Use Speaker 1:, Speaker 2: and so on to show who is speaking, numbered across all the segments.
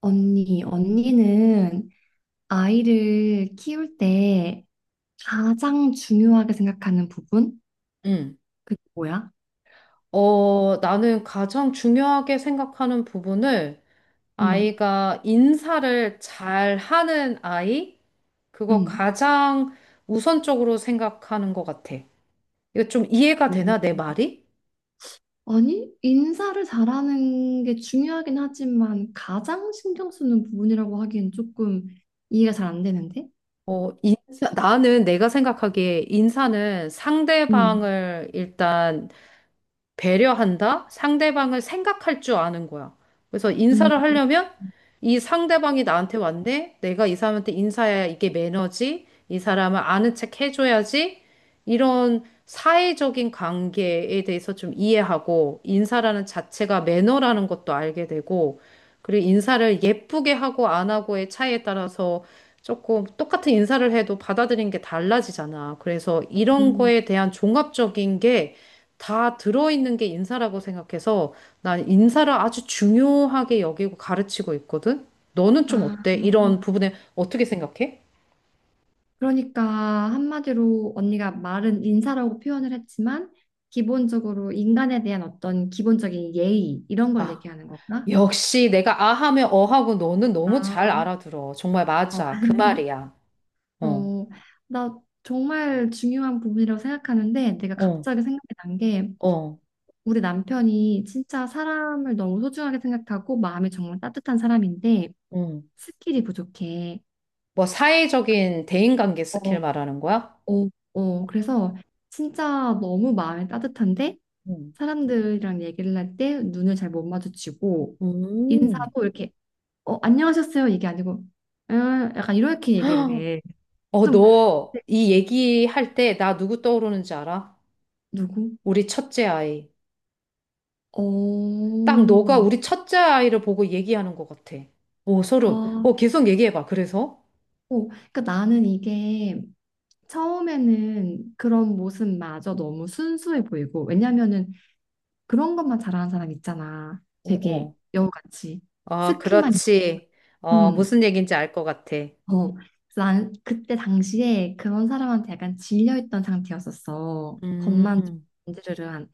Speaker 1: 언니, 언니는 아이를 키울 때 가장 중요하게 생각하는 부분?
Speaker 2: 음.
Speaker 1: 그게 뭐야?
Speaker 2: 나는 가장 중요하게 생각하는 부분을
Speaker 1: 응,
Speaker 2: 아이가 인사를 잘 하는 아이? 그거
Speaker 1: 응.
Speaker 2: 가장 우선적으로 생각하는 것 같아. 이거 좀 이해가 되나, 내 말이?
Speaker 1: 어, 아니, 인사를 잘하는 게 중요하긴 하지만 가장 신경 쓰는 부분이라고 하기엔 조금 이해가 잘 안 되는데?
Speaker 2: 인사, 나는 내가 생각하기에 인사는
Speaker 1: 응,
Speaker 2: 상대방을 일단 배려한다? 상대방을 생각할 줄 아는 거야. 그래서
Speaker 1: 응,
Speaker 2: 인사를 하려면 이 상대방이 나한테 왔네? 내가 이 사람한테 인사해야 이게 매너지? 이 사람을 아는 척 해줘야지? 이런 사회적인 관계에 대해서 좀 이해하고 인사라는 자체가 매너라는 것도 알게 되고 그리고 인사를 예쁘게 하고 안 하고의 차이에 따라서 조금 똑같은 인사를 해도 받아들이는 게 달라지잖아. 그래서 이런
Speaker 1: 응.
Speaker 2: 거에 대한 종합적인 게 다 들어있는 게 인사라고 생각해서 난 인사를 아주 중요하게 여기고 가르치고 있거든? 너는 좀
Speaker 1: 아,
Speaker 2: 어때? 이런 부분에 어떻게 생각해?
Speaker 1: 그러니까 한마디로 언니가 말은 인사라고 표현을 했지만 기본적으로 인간에 대한 어떤 기본적인 예의 이런 걸
Speaker 2: 아,
Speaker 1: 얘기하는 거구나?
Speaker 2: 역시 내가 아 하면 어 하고 너는 너무 잘
Speaker 1: 아.
Speaker 2: 알아들어. 정말
Speaker 1: 어,
Speaker 2: 맞아. 그 말이야. 어,
Speaker 1: 어. 나 정말 중요한 부분이라고 생각하는데 내가
Speaker 2: 어,
Speaker 1: 갑자기 생각이 난 게,
Speaker 2: 어,
Speaker 1: 우리 남편이 진짜 사람을 너무 소중하게 생각하고 마음이 정말 따뜻한 사람인데
Speaker 2: 응.
Speaker 1: 스킬이 부족해.
Speaker 2: 뭐 사회적인 대인관계
Speaker 1: 어,
Speaker 2: 스킬 말하는 거야?
Speaker 1: 어, 어, 그래서 진짜 너무 마음이 따뜻한데
Speaker 2: 응.
Speaker 1: 사람들이랑 얘기를 할 때 눈을 잘 못 마주치고
Speaker 2: 음.
Speaker 1: 인사도 이렇게 안녕하셨어요 이게 아니고 약간 이렇게 얘기를
Speaker 2: 헉,
Speaker 1: 해.
Speaker 2: 어,
Speaker 1: 좀.
Speaker 2: 너
Speaker 1: 네.
Speaker 2: 이 얘기할 때 나 누구 떠오르는지 알아?
Speaker 1: 누구?
Speaker 2: 우리 첫째 아이. 딱 너가
Speaker 1: 어.
Speaker 2: 우리 첫째 아이를 보고 얘기하는 것 같아. 오, 소름.
Speaker 1: 어,
Speaker 2: 계속 얘기해봐. 그래서?
Speaker 1: 오, 그러니까 나는 이게 처음에는 그런 모습마저 너무 순수해 보이고, 왜냐면은 그런 것만 잘하는 사람 있잖아.
Speaker 2: 어,
Speaker 1: 되게
Speaker 2: 어.
Speaker 1: 여우같이.
Speaker 2: 아,
Speaker 1: 스킬만.
Speaker 2: 그렇지.
Speaker 1: 음.
Speaker 2: 무슨 얘기인지 알 것 같아.
Speaker 1: 어. 그래서 난 그때 당시에 그런 사람한테 약간 질려있던 상태였었어.
Speaker 2: 음,
Speaker 1: 겉만
Speaker 2: 음,
Speaker 1: 건드르르한.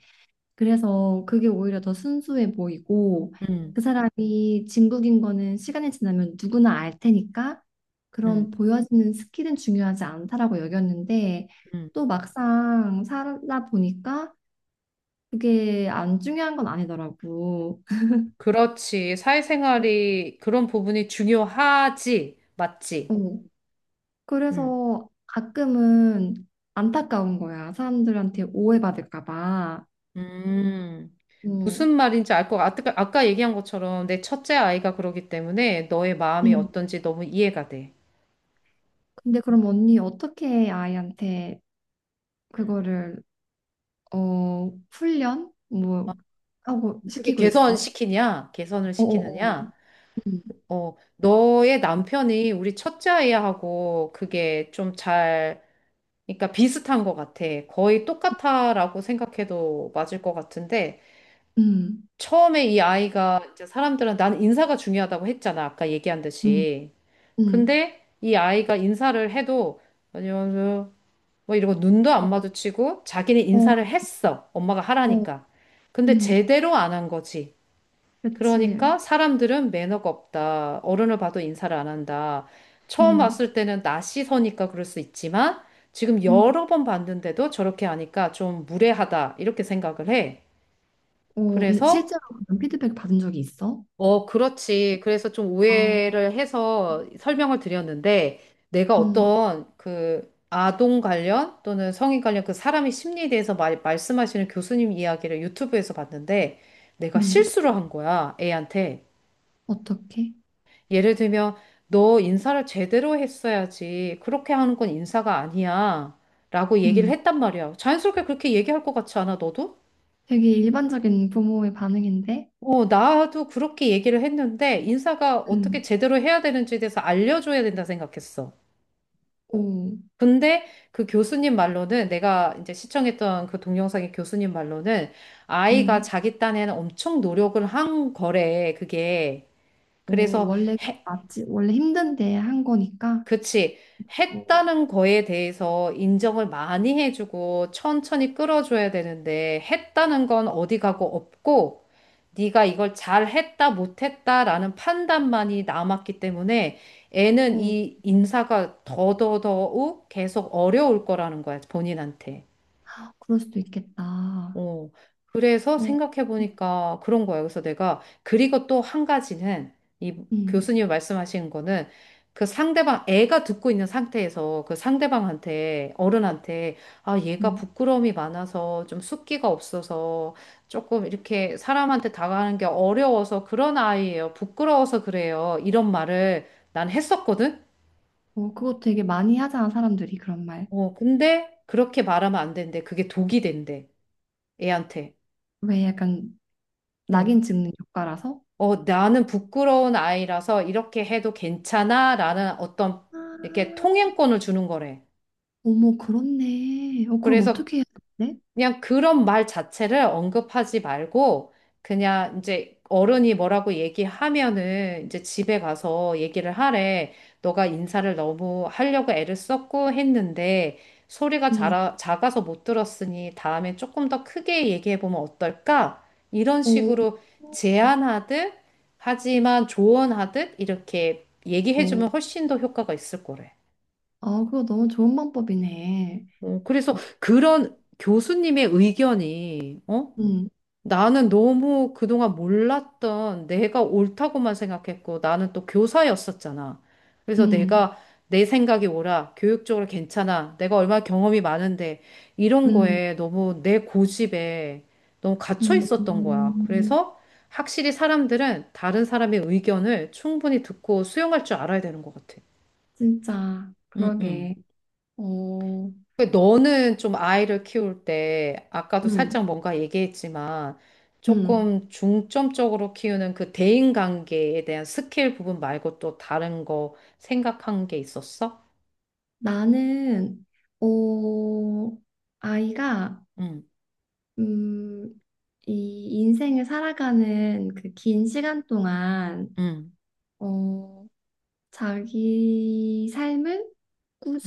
Speaker 1: 그래서 그게 오히려 더 순수해 보이고
Speaker 2: 음,
Speaker 1: 그 사람이 진국인 거는 시간이 지나면 누구나 알 테니까 그런
Speaker 2: 음.
Speaker 1: 보여지는 스킬은 중요하지 않다라고 여겼는데
Speaker 2: 음.
Speaker 1: 또 막상 살다 보니까 그게 안 중요한 건 아니더라고.
Speaker 2: 그렇지.
Speaker 1: 어,
Speaker 2: 사회생활이 그런 부분이 중요하지. 맞지?
Speaker 1: 어.
Speaker 2: 음,
Speaker 1: 그래서 가끔은 안타까운 거야. 사람들한테 오해받을까 봐.
Speaker 2: 음.
Speaker 1: 어.
Speaker 2: 무슨 말인지 알 것 같아. 아까 얘기한 것처럼 내 첫째 아이가 그러기 때문에 너의 마음이
Speaker 1: 음.
Speaker 2: 어떤지 너무 이해가 돼.
Speaker 1: 근데 그럼 언니 어떻게 아이한테
Speaker 2: 음.
Speaker 1: 그거를 훈련? 뭐, 하고,
Speaker 2: 어떻게
Speaker 1: 시키고 있어.
Speaker 2: 개선시키냐? 개선을
Speaker 1: 어어어.
Speaker 2: 시키느냐?
Speaker 1: 음,
Speaker 2: 어, 너의 남편이 우리 첫째 아이하고 그게 좀 잘, 그러니까 비슷한 것 같아. 거의 똑같아라고 생각해도 맞을 것 같은데,
Speaker 1: 음,
Speaker 2: 처음에 이 아이가 이제 사람들은 난 인사가 중요하다고 했잖아. 아까 얘기한
Speaker 1: 음,
Speaker 2: 듯이.
Speaker 1: 음.
Speaker 2: 근데 이 아이가 인사를 해도, 안녕하세요. 뭐 이러고 눈도 안 마주치고 자기는
Speaker 1: 어,
Speaker 2: 인사를 했어. 엄마가
Speaker 1: 어,
Speaker 2: 하라니까. 근데
Speaker 1: 음.
Speaker 2: 제대로 안 한 거지.
Speaker 1: 그치.
Speaker 2: 그러니까 사람들은 매너가 없다. 어른을 봐도 인사를 안 한다. 처음 봤
Speaker 1: 음,
Speaker 2: 을 때는 낯이 서니까 그럴 수 있지만 지금
Speaker 1: 음.
Speaker 2: 여러 번 봤는데도 저렇게 하니까 좀 무례하다. 이렇게 생각을 해.
Speaker 1: 근데
Speaker 2: 그래서,
Speaker 1: 실제로 그런 피드백 받은 적이 있어?
Speaker 2: 어, 그렇지. 그래서 좀
Speaker 1: 아.
Speaker 2: 오해를 해서 설명을 드렸는데 내가
Speaker 1: 음,
Speaker 2: 어떤 그 아동 관련 또는 성인 관련 그 사람의 심리에 대해서 말씀하시는 교수님 이야기를 유튜브에서 봤는데 내가
Speaker 1: 음.
Speaker 2: 실수를 한 거야. 애한테.
Speaker 1: 어떻게?
Speaker 2: 예를 들면, 너 인사를 제대로 했어야지. 그렇게 하는 건 인사가 아니야. 라고 얘기를
Speaker 1: 음.
Speaker 2: 했단 말이야. 자연스럽게 그렇게 얘기할 것 같지 않아, 너도?
Speaker 1: 되게 일반적인 부모의 반응인데?
Speaker 2: 어, 나도 그렇게 얘기를 했는데, 인사가 어떻게
Speaker 1: 음.
Speaker 2: 제대로 해야 되는지에 대해서 알려줘야 된다 생각했어.
Speaker 1: 오.
Speaker 2: 근데 그 교수님 말로는, 내가 이제 시청했던 그 동영상의 교수님 말로는, 아이가
Speaker 1: 음.
Speaker 2: 자기 딴에는 엄청 노력을 한 거래, 그게.
Speaker 1: 어,
Speaker 2: 그래서
Speaker 1: 원래 그
Speaker 2: 해
Speaker 1: 맞지. 원래 힘든데 한 거니까?
Speaker 2: 그치.
Speaker 1: 어,
Speaker 2: 했다는 거에 대해서 인정을 많이 해주고 천천히 끌어줘야 되는데 했다는 건 어디 가고 없고 네가 이걸 잘했다 못했다라는 판단만이 남았기 때문에 애는
Speaker 1: 어,
Speaker 2: 이 인사가 더더더욱 계속 어려울 거라는 거야 본인한테.
Speaker 1: 그럴 수도 있겠다.
Speaker 2: 어, 그래서
Speaker 1: 어.
Speaker 2: 생각해보니까 그런 거예요. 그래서 내가, 그리고 또 한 가지는, 이
Speaker 1: 음,
Speaker 2: 교수님 말씀하신 거는, 그 상대방, 애가 듣고 있는 상태에서 그 상대방한테, 어른한테, 아, 얘가
Speaker 1: 음.
Speaker 2: 부끄러움이 많아서 좀 숫기가 없어서 조금 이렇게 사람한테 다가가는 게 어려워서 그런 아이예요. 부끄러워서 그래요. 이런 말을 난 했었거든?
Speaker 1: 어, 그거 되게 많이 하잖아, 사람들이 그런 말.
Speaker 2: 근데 그렇게 말하면 안 되는데 그게 독이 된대, 애한테.
Speaker 1: 왜 약간
Speaker 2: 어.
Speaker 1: 낙인 찍는 효과라서?
Speaker 2: 어, 나는 부끄러운 아이라서 이렇게 해도 괜찮아? 라는 어떤 이렇게
Speaker 1: 아,
Speaker 2: 통행권을 주는 거래.
Speaker 1: 어머, 그렇네. 어, 그럼
Speaker 2: 그래서
Speaker 1: 어떻게 해야 되는데?
Speaker 2: 그냥 그런 말 자체를 언급하지 말고 그냥 이제 어른이 뭐라고 얘기하면은 이제 집에 가서 얘기를 하래. 너가 인사를 너무 하려고 애를 썼고 했는데 소리가
Speaker 1: 음.
Speaker 2: 작아서 못 들었으니 다음에 조금 더 크게 얘기해 보면 어떨까? 이런
Speaker 1: 어,
Speaker 2: 식으로 제안하듯 하지만 조언하듯 이렇게 얘기해
Speaker 1: 어.
Speaker 2: 주면 훨씬 더 효과가 있을 거래.
Speaker 1: 아, 그거 너무 좋은 방법이네.
Speaker 2: 그래서
Speaker 1: 어.
Speaker 2: 그런 교수님의 의견이 어?
Speaker 1: 음,
Speaker 2: 나는 너무 그동안 몰랐던 내가 옳다고만 생각했고 나는 또 교사였었잖아. 그래서
Speaker 1: 음,
Speaker 2: 내가 내 생각이 옳아. 교육적으로 괜찮아. 내가 얼마나 경험이 많은데 이런
Speaker 1: 음,
Speaker 2: 거에 너무 내 고집에 너무 갇혀 있었던 거야.
Speaker 1: 음.
Speaker 2: 그래서 확실히 사람들은 다른 사람의 의견을 충분히 듣고 수용할 줄 알아야 되는 것 같아.
Speaker 1: 진짜,
Speaker 2: 응, 응.
Speaker 1: 그러게. 어.
Speaker 2: 그 너는 좀 아이를 키울 때, 아까도 살짝
Speaker 1: 음,
Speaker 2: 뭔가 얘기했지만,
Speaker 1: 음.
Speaker 2: 조금 중점적으로 키우는 그 대인관계에 대한 스킬 부분 말고 또 다른 거 생각한 게 있었어?
Speaker 1: 나는, 어, 아이가
Speaker 2: 응,
Speaker 1: 음, 이 인생을 살아가는 그 긴 시간 동안,
Speaker 2: 응,
Speaker 1: 어, 자기 삶을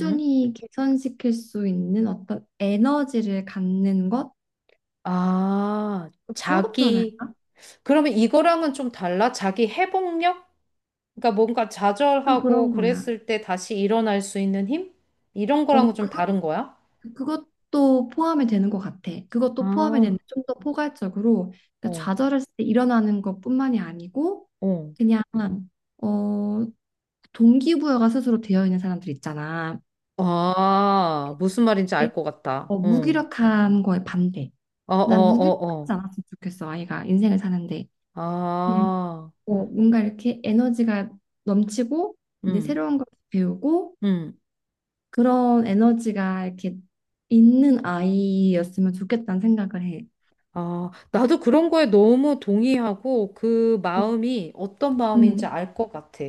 Speaker 2: 응?
Speaker 1: 개선시킬 수 있는 어떤 에너지를 갖는 것?
Speaker 2: 아,
Speaker 1: 뭐라고
Speaker 2: 자기.
Speaker 1: 표현할까?
Speaker 2: 그러면 이거랑은 좀 달라? 자기 회복력? 그러니까 뭔가
Speaker 1: 좀
Speaker 2: 좌절하고
Speaker 1: 그런 거야.
Speaker 2: 그랬을 때 다시 일어날 수 있는 힘? 이런 거랑은
Speaker 1: 어,
Speaker 2: 좀
Speaker 1: 그것,
Speaker 2: 다른 거야?
Speaker 1: 그것도 포함이 되는 것 같아. 그것도 포함이
Speaker 2: 아,
Speaker 1: 되는데 좀 더 포괄적으로, 그러니까
Speaker 2: 어,
Speaker 1: 좌절했을 때 일어나는 것뿐만이 아니고,
Speaker 2: 어.
Speaker 1: 그냥, 어, 동기부여가 스스로 되어 있는 사람들 있잖아.
Speaker 2: 아, 무슨 말인지
Speaker 1: 그,
Speaker 2: 알 것 같다. 응.
Speaker 1: 무기력한 거에 반대.
Speaker 2: 어, 어,
Speaker 1: 난
Speaker 2: 어,
Speaker 1: 무기력하지
Speaker 2: 어.
Speaker 1: 않았으면 좋겠어, 아이가 인생을 사는데. 그냥
Speaker 2: 아,
Speaker 1: 뭔가 이렇게 에너지가 넘치고, 이제
Speaker 2: 음,
Speaker 1: 새로운 걸 배우고,
Speaker 2: 음.
Speaker 1: 그런 에너지가 이렇게 있는 아이였으면 좋겠다는 생각을 해.
Speaker 2: 아, 나도 그런 거에 너무 동의하고 그
Speaker 1: 어.
Speaker 2: 마음이 어떤 마음인지
Speaker 1: 음.
Speaker 2: 알 것 같아.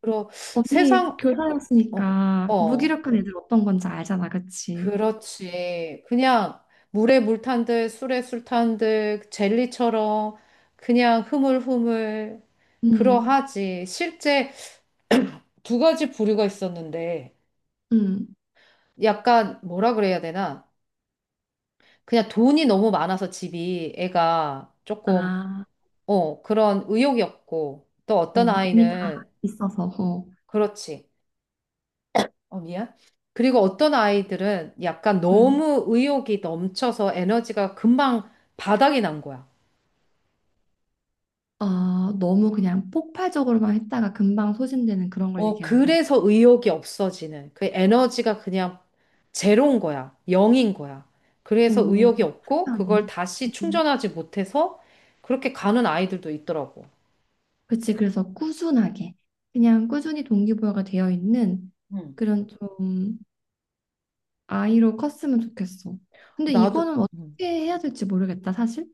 Speaker 2: 그리고
Speaker 1: 언니
Speaker 2: 세상, 어, 어,
Speaker 1: 교사였으니까
Speaker 2: 어.
Speaker 1: 무기력한 애들 어떤 건지 알잖아, 그치?
Speaker 2: 그렇지. 그냥 물에 물 탄 듯, 술에 술 탄 듯, 젤리처럼 그냥 흐물흐물
Speaker 1: 음,
Speaker 2: 그러하지. 실제 두 가지 부류가 있었는데.
Speaker 1: 음.
Speaker 2: 약간 뭐라 그래야 되나? 그냥 돈이 너무 많아서 집이 애가 조금
Speaker 1: 아,
Speaker 2: 어 그런 의욕이 없고 또 어떤
Speaker 1: 이미 다
Speaker 2: 아이는
Speaker 1: 있어서. 어.
Speaker 2: 그렇지. 어 미안. 그리고 어떤 아이들은 약간
Speaker 1: 음.
Speaker 2: 너무 의욕이 넘쳐서 에너지가 금방 바닥이 난 거야.
Speaker 1: 아, 너무 그냥 폭발적으로만 했다가 금방 소진되는 그런 걸
Speaker 2: 어
Speaker 1: 얘기하는 건가?
Speaker 2: 그래서 의욕이 없어지는 그 에너지가 그냥 제로인 거야. 영인 거야. 그래서
Speaker 1: 오,
Speaker 2: 의욕이 없고 그걸
Speaker 1: 특이하네.
Speaker 2: 다시
Speaker 1: 음.
Speaker 2: 충전하지 못해서 그렇게 가는 아이들도 있더라고.
Speaker 1: 그치, 그래서 꾸준하게. 그냥 꾸준히 동기부여가 되어 있는 그런 좀 아이로 컸으면 좋겠어. 근데
Speaker 2: 나도.
Speaker 1: 이거는
Speaker 2: 음.
Speaker 1: 어떻게 해야 될지 모르겠다, 사실.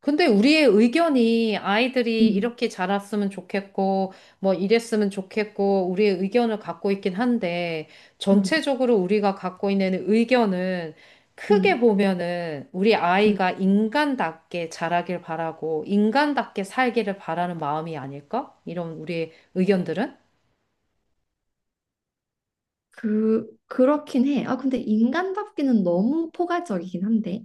Speaker 2: 근데 우리의 의견이 아이들이
Speaker 1: 음,
Speaker 2: 이렇게 자랐으면 좋겠고, 뭐 이랬으면 좋겠고, 우리의 의견을 갖고 있긴 한데,
Speaker 1: 음,
Speaker 2: 전체적으로 우리가 갖고 있는 의견은 크게
Speaker 1: 음,
Speaker 2: 보면은 우리
Speaker 1: 음.
Speaker 2: 아이가 인간답게 자라길 바라고, 인간답게 살기를 바라는 마음이 아닐까? 이런 우리의 의견들은?
Speaker 1: 그렇긴 해. 아, 근데 인간답기는 너무 포괄적이긴 한데.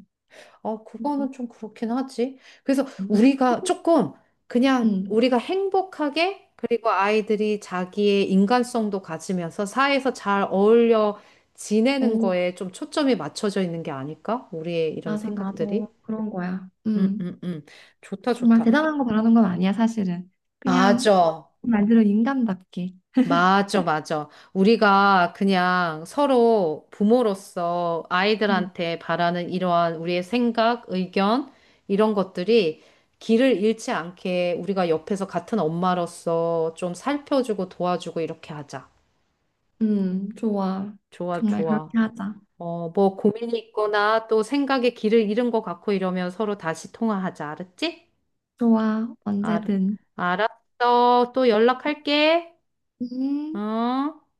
Speaker 2: 아,
Speaker 1: 음,
Speaker 2: 그거는 좀 그렇긴 하지. 그래서 우리가 조금 그냥
Speaker 1: 음.
Speaker 2: 우리가 행복하게 그리고 아이들이 자기의 인간성도 가지면서 사회에서 잘 어울려 지내는
Speaker 1: 어,
Speaker 2: 거에 좀 초점이 맞춰져 있는 게 아닐까? 우리의 이런
Speaker 1: 맞아, 맞아.
Speaker 2: 생각들이.
Speaker 1: 그런 거야.
Speaker 2: 음,
Speaker 1: 음.
Speaker 2: 음, 음. 좋다,
Speaker 1: 정말
Speaker 2: 좋다.
Speaker 1: 대단한 거 바라는 건 아니야, 사실은. 그냥
Speaker 2: 맞아.
Speaker 1: 말 그대로 인간답게.
Speaker 2: 맞아, 맞아. 우리가 그냥 서로 부모로서
Speaker 1: 음,
Speaker 2: 아이들한테 바라는 이러한 우리의 생각, 의견, 이런 것들이 길을 잃지 않게 우리가 옆에서 같은 엄마로서 좀 살펴주고 도와주고 이렇게 하자.
Speaker 1: 좋아.
Speaker 2: 좋아,
Speaker 1: 정말
Speaker 2: 좋아.
Speaker 1: 그렇게 하자.
Speaker 2: 뭐 고민이 있거나 또 생각에 길을 잃은 것 같고 이러면 서로 다시 통화하자. 알았지?
Speaker 1: 좋아,
Speaker 2: 알,
Speaker 1: 언제든.
Speaker 2: 알았어. 또 연락할게.
Speaker 1: 음.
Speaker 2: 응?